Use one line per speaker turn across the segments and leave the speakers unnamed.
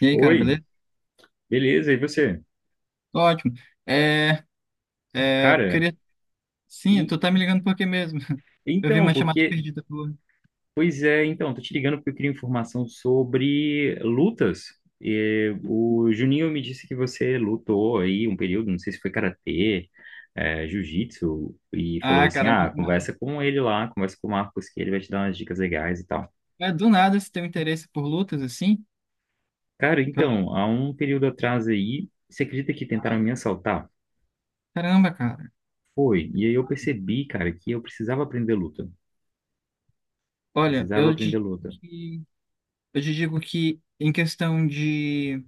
E aí, cara,
Oi,
beleza?
beleza, e você?
Tô ótimo. É, eu
Cara,
queria. Sim,
e-
tu tá me ligando por quê mesmo? Eu vi
então,
uma chamada
porque.
perdida tua.
Pois é, então, tô te ligando porque eu queria informação sobre lutas. E o Juninho me disse que você lutou aí um período, não sei se foi karatê, jiu-jitsu, e falou
Ah,
assim:
cara,
ah,
muito mal.
conversa com ele lá, conversa com o Marcos, que ele vai te dar umas dicas legais e tal.
É, do nada se tem interesse por lutas assim?
Cara, então, há um período atrás aí, você acredita que tentaram
Ah,
me assaltar?
caramba, cara.
Foi, e aí eu percebi, cara, que eu precisava aprender luta.
Olha,
Precisava
eu te
aprender
digo
luta.
que, eu te digo que em questão de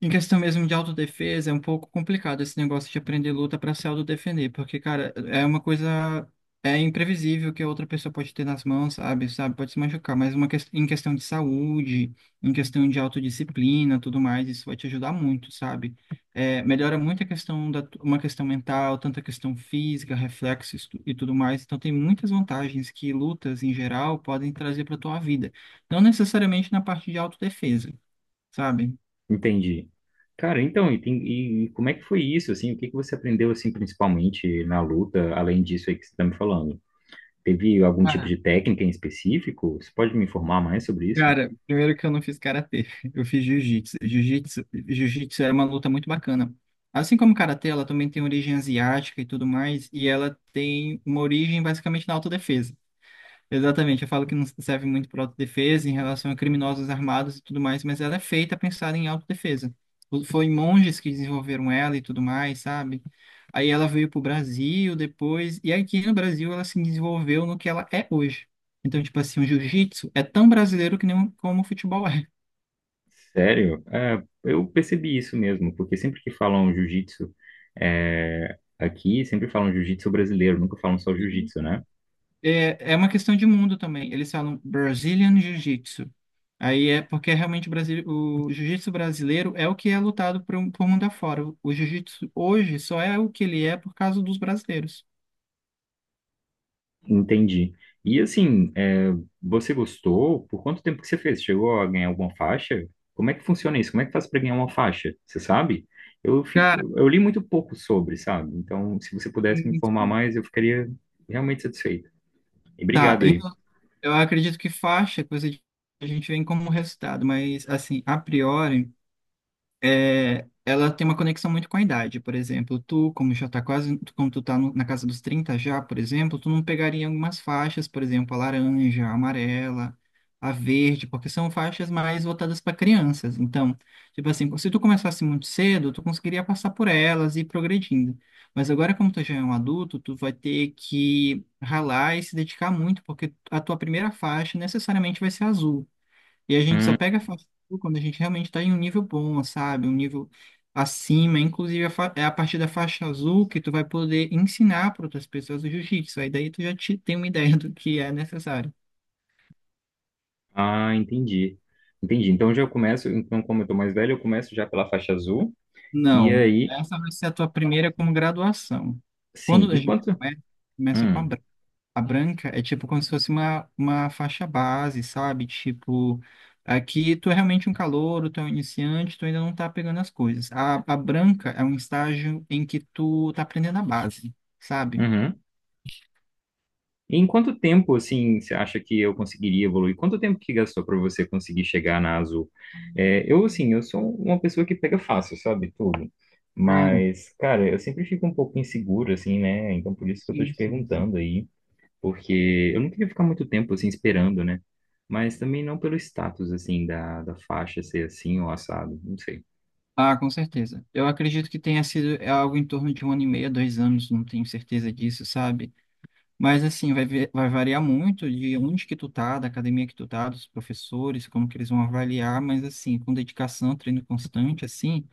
em questão mesmo de autodefesa, é um pouco complicado esse negócio de aprender luta para se autodefender, porque, cara, é uma coisa. É imprevisível que a outra pessoa pode ter nas mãos, sabe? Sabe? Pode se machucar, mas em questão de saúde, em questão de autodisciplina, tudo mais, isso vai te ajudar muito, sabe? É, melhora muito a questão da uma questão mental, tanto a questão física, reflexos e tudo mais. Então tem muitas vantagens que lutas em geral podem trazer para tua vida, não necessariamente na parte de autodefesa, sabe?
Entendi. Cara, então, e como é que foi isso, assim? O que que você aprendeu, assim, principalmente na luta, além disso aí que você está me falando? Teve algum tipo de técnica em específico? Você pode me informar mais sobre isso?
Cara, primeiro que eu não fiz karatê, eu fiz jiu-jitsu. Jiu-jitsu era uma luta muito bacana. Assim como karatê, ela também tem origem asiática e tudo mais, e ela tem uma origem basicamente na autodefesa. Exatamente, eu falo que não serve muito para autodefesa em relação a criminosos armados e tudo mais, mas ela é feita pensada em autodefesa. Foi monges que desenvolveram ela e tudo mais, sabe? Aí ela veio pro Brasil depois, e aqui no Brasil ela se desenvolveu no que ela é hoje. Então, tipo assim, o jiu-jitsu é tão brasileiro que nem o- como o futebol é.
Sério? É, eu percebi isso mesmo, porque sempre que falam jiu-jitsu, aqui, sempre falam jiu-jitsu brasileiro, nunca falam só jiu-jitsu, né?
É, é uma questão de mundo também. Eles falam Brazilian Jiu-Jitsu. Aí é porque realmente o jiu-jitsu brasileiro é o que é lutado por mundo afora. O jiu-jitsu hoje só é o que ele é por causa dos brasileiros.
Entendi. E assim, é, você gostou? Por quanto tempo que você fez? Chegou a ganhar alguma faixa? Como é que funciona isso? Como é que faz para ganhar uma faixa? Você sabe?
Cara,
Eu li muito pouco sobre, sabe? Então, se você pudesse me
sim,
informar
sim.
mais, eu ficaria realmente satisfeito. E
Tá.
obrigado aí.
Eu acredito que faixa é coisa que a gente vem como resultado, mas assim, a priori. É, ela tem uma conexão muito com a idade. Por exemplo, tu, como já tá quase, tu- como tu tá na casa dos 30 já, por exemplo, tu não pegaria algumas faixas, por exemplo, a laranja, a amarela, a verde, porque são faixas mais voltadas para crianças. Então, tipo assim, se tu começasse muito cedo, tu conseguiria passar por elas e ir progredindo. Mas agora, como tu já é um adulto, tu vai ter que ralar e se dedicar muito, porque a tua primeira faixa necessariamente vai ser azul. E a gente só
Hum,
pega fast food quando a gente realmente está em um nível bom, sabe? Um nível acima. Inclusive, é a partir da faixa azul que tu vai poder ensinar para outras pessoas o jiu-jitsu. Aí daí tu tem uma ideia do que é necessário.
ah, entendi. Entendi. Então já começo, então como eu tô mais velho, eu começo já pela faixa azul. E
Não,
aí,
essa vai ser a tua primeira como graduação.
sim.
Quando a
E
gente
quanto?
começa, começa com a
Hum,
A branca é tipo como se fosse uma faixa base, sabe? Tipo, aqui tu é realmente um calouro, tu é um iniciante, tu ainda não tá pegando as coisas. A branca é um estágio em que tu tá aprendendo a base, sabe?
uhum. E em quanto tempo, assim, você acha que eu conseguiria evoluir? Quanto tempo que gastou para você conseguir chegar na azul? É, eu, assim, eu sou uma pessoa que pega fácil, sabe, tudo.
Cara,
Mas, cara, eu sempre fico um pouco inseguro, assim, né? Então, por isso que eu tô
sim,
te
sim, sim.
perguntando aí. Porque eu não queria ficar muito tempo, assim, esperando, né? Mas também não pelo status, assim, da faixa ser assim ou assado, não sei.
Ah, com certeza. Eu acredito que tenha sido algo em torno de um ano e meio, 2 anos, não tenho certeza disso, sabe? Mas assim, vai variar muito de onde que tu tá, da academia que tu tá, dos professores, como que eles vão avaliar, mas assim, com dedicação, treino constante, assim.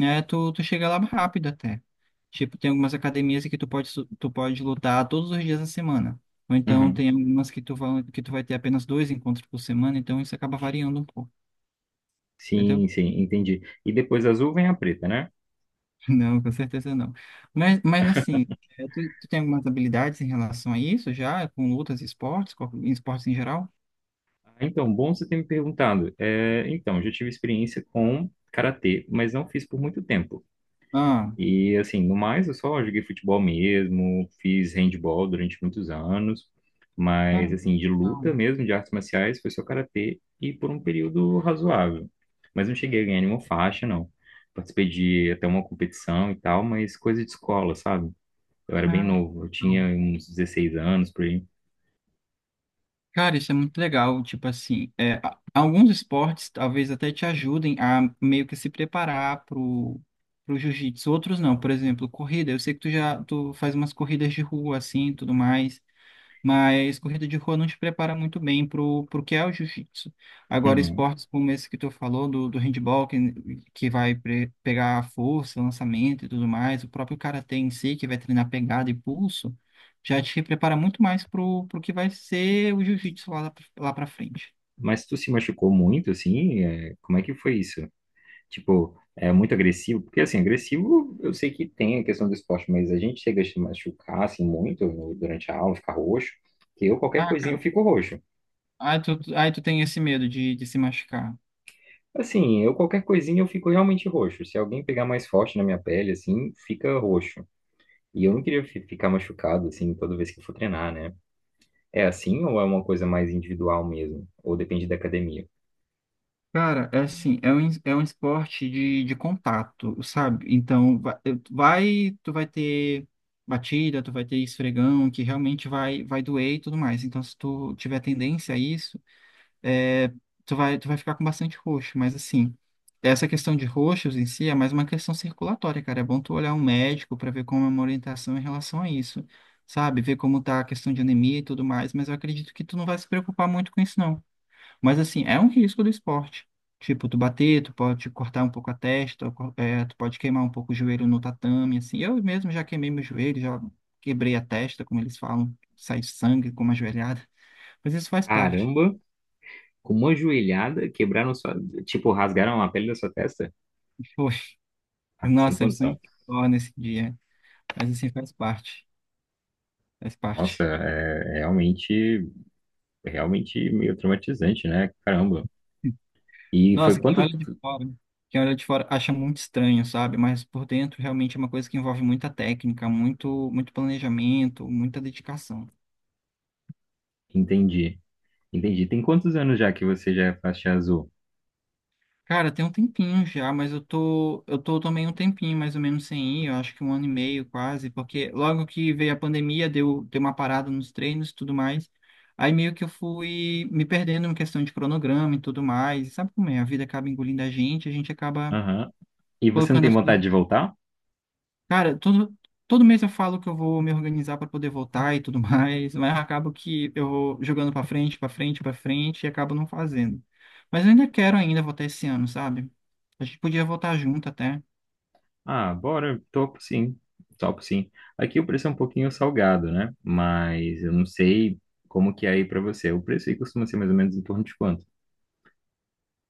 É, tu chega lá rápido até. Tipo, tem algumas academias que tu pode lutar todos os dias da semana. Ou então
Uhum.
tem algumas que tu vai ter apenas dois encontros por semana, então isso acaba variando um pouco, entendeu?
Sim, sim, entendi. E depois da azul vem a preta, né?
Não, com certeza não. Mas assim, é, tu tem algumas habilidades em relação a isso já, com lutas e esportes, em esportes em geral?
Ah, então, bom você ter me perguntado. É, então, já tive experiência com karatê, mas não fiz por muito tempo.
Ah,
E assim, no mais, eu só joguei futebol mesmo, fiz handball durante muitos anos, mas
cara,
assim, de luta
não.
mesmo, de artes marciais, foi só karatê e por um período razoável. Mas não cheguei a ganhar nenhuma faixa, não. Participei de até uma competição e tal, mas coisa de escola, sabe? Eu era bem
Ah,
novo, eu tinha
não.
uns 16 anos por aí.
Cara, isso é muito legal. Tipo assim, é, alguns esportes talvez até te ajudem a meio que se preparar pro jiu-jitsu. Outros não. Por exemplo, corrida. Eu sei que tu faz umas corridas de rua assim, tudo mais. Mas corrida de rua não te prepara muito bem pro que é o jiu-jitsu. Agora,
Uhum.
esportes como esse que tu falou, do handball, que vai pegar força, lançamento e tudo mais, o próprio karatê em si, que vai treinar pegada e pulso, já te prepara muito mais pro que vai ser o jiu-jitsu lá para frente.
Mas tu se machucou muito, assim? Como é que foi isso? Tipo, é muito agressivo, porque assim, agressivo eu sei que tem a questão do esporte, mas a gente chega a se machucar assim muito no- durante a aula, ficar roxo, que eu qualquer
Ah,
coisinha
cara,
eu fico roxo.
aí tu tem esse medo de se machucar.
Assim, eu qualquer coisinha eu fico realmente roxo. Se alguém pegar mais forte na minha pele, assim, fica roxo. E eu não queria ficar machucado assim toda vez que eu for treinar, né? É assim ou é uma coisa mais individual mesmo? Ou depende da academia?
Cara, é assim, é um esporte de contato, sabe? Então, tu vai ter batida, tu vai ter esfregão, que realmente vai doer e tudo mais. Então, se tu tiver tendência a isso, é, tu vai ficar com bastante roxo. Mas, assim, essa questão de roxos em si é mais uma questão circulatória, cara. É bom tu olhar um médico para ver como é uma orientação em relação a isso, sabe? Ver como tá a questão de anemia e tudo mais. Mas eu acredito que tu não vai se preocupar muito com isso, não. Mas assim, é um risco do esporte. Tipo, tu bater, tu pode cortar um pouco a testa, ou tu pode queimar um pouco o joelho no tatame, assim. Eu mesmo já queimei meu joelho, já quebrei a testa, como eles falam, sai sangue com uma joelhada. Mas isso faz parte.
Caramba, com uma joelhada quebraram sua, tipo, rasgaram a pele da sua testa?
Foi.
Ah, sem
Nossa, o sangue
condição.
que torra nesse dia. Mas assim, faz parte. Faz
Nossa,
parte.
é realmente, é realmente meio traumatizante, né? Caramba. E foi
Nossa,
quanto?
quem olha de fora acha muito estranho, sabe? Mas por dentro realmente é uma coisa que envolve muita técnica, muito, muito planejamento, muita dedicação.
Entendi, entendi. Tem quantos anos já que você já é faixa azul?
Cara, tem um tempinho já, mas eu tô também um tempinho mais ou menos sem ir, eu acho que um ano e meio quase, porque logo que veio a pandemia, deu uma parada nos treinos e tudo mais. Aí meio que eu fui me perdendo em questão de cronograma e tudo mais. E sabe como é? A vida acaba engolindo a gente acaba
Aham. E você não
colocando
tem
as coisas.
vontade de voltar?
Cara, todo mês eu falo que eu vou me organizar para poder voltar e tudo mais, mas acabo que eu vou jogando para frente, para frente, para frente e acabo não fazendo. Mas eu ainda quero ainda voltar esse ano, sabe? A gente podia voltar junto até.
Ah, bora, topo sim, topo sim. Aqui o preço é um pouquinho salgado, né? Mas eu não sei como que é aí pra você. O preço aí costuma ser mais ou menos em torno de quanto?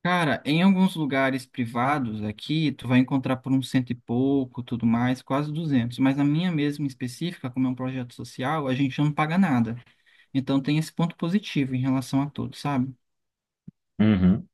Cara, em alguns lugares privados aqui, tu vai encontrar por um cento e pouco, tudo mais, quase duzentos. Mas na minha mesma específica, como é um projeto social, a gente não paga nada. Então tem esse ponto positivo em relação a todos, sabe?
Uhum.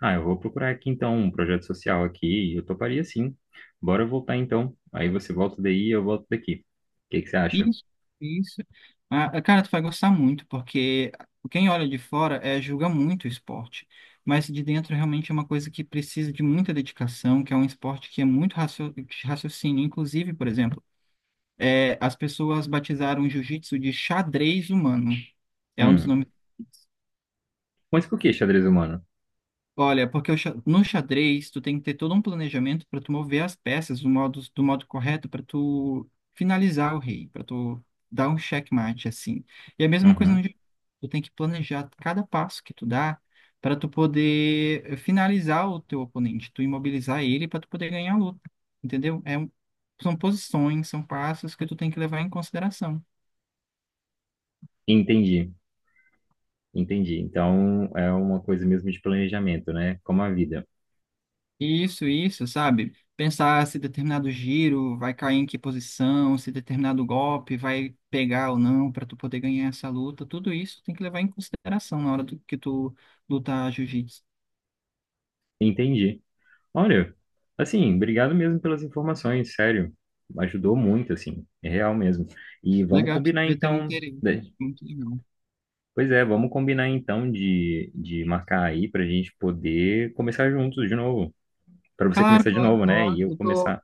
Ah, eu vou procurar aqui então um projeto social aqui e eu toparia sim. Bora voltar então. Aí você volta daí e eu volto daqui. O que que você acha?
Isso, isso. Ah, ah, cara, tu vai gostar muito, porque quem olha de fora julga muito o esporte, mas de dentro realmente é uma coisa que precisa de muita dedicação, que é um esporte que é muito de raciocínio. Inclusive, por exemplo, as pessoas batizaram o jiu-jitsu de xadrez humano. É um dos
Hum.
nomes.
Mas por que xadrez humano?
Olha, porque no xadrez tu tem que ter todo um planejamento para tu mover as peças do modo correto para tu finalizar o rei, para tu dar um checkmate assim. E a mesma coisa no
Uhum.
jogo. Tu tem que planejar cada passo que tu dá para tu poder finalizar o teu oponente, tu imobilizar ele para tu poder ganhar a luta, entendeu? São posições, são passos que tu tem que levar em consideração.
Entendi, entendi. Então é uma coisa mesmo de planejamento, né? Como a vida.
Isso, sabe? Pensar se determinado giro vai cair em que posição, se determinado golpe vai pegar ou não para tu poder ganhar essa luta, tudo isso tem que levar em consideração na hora que tu lutar jiu-jitsu.
Entendi. Olha, assim, obrigado mesmo pelas informações, sério. Ajudou muito, assim, é real mesmo. E vamos
Legal, você
combinar
vai ter um
então,
interesse.
né?
Muito legal.
Pois é, vamos combinar então de marcar aí pra gente poder começar juntos de novo. Pra você
Claro,
começar de
claro,
novo, né? E
claro.
eu
Eu tô
começar.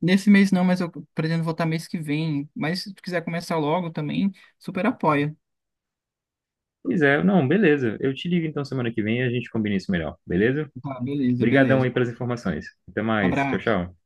nesse mês não, mas eu pretendo voltar mês que vem. Mas se tu quiser começar logo também, super apoia.
Pois é, não, beleza. Eu te ligo então semana que vem e a gente combina isso melhor, beleza?
Tá, beleza,
Obrigadão
beleza.
aí pelas informações. Até mais. Tchau,
Abraço.
tchau.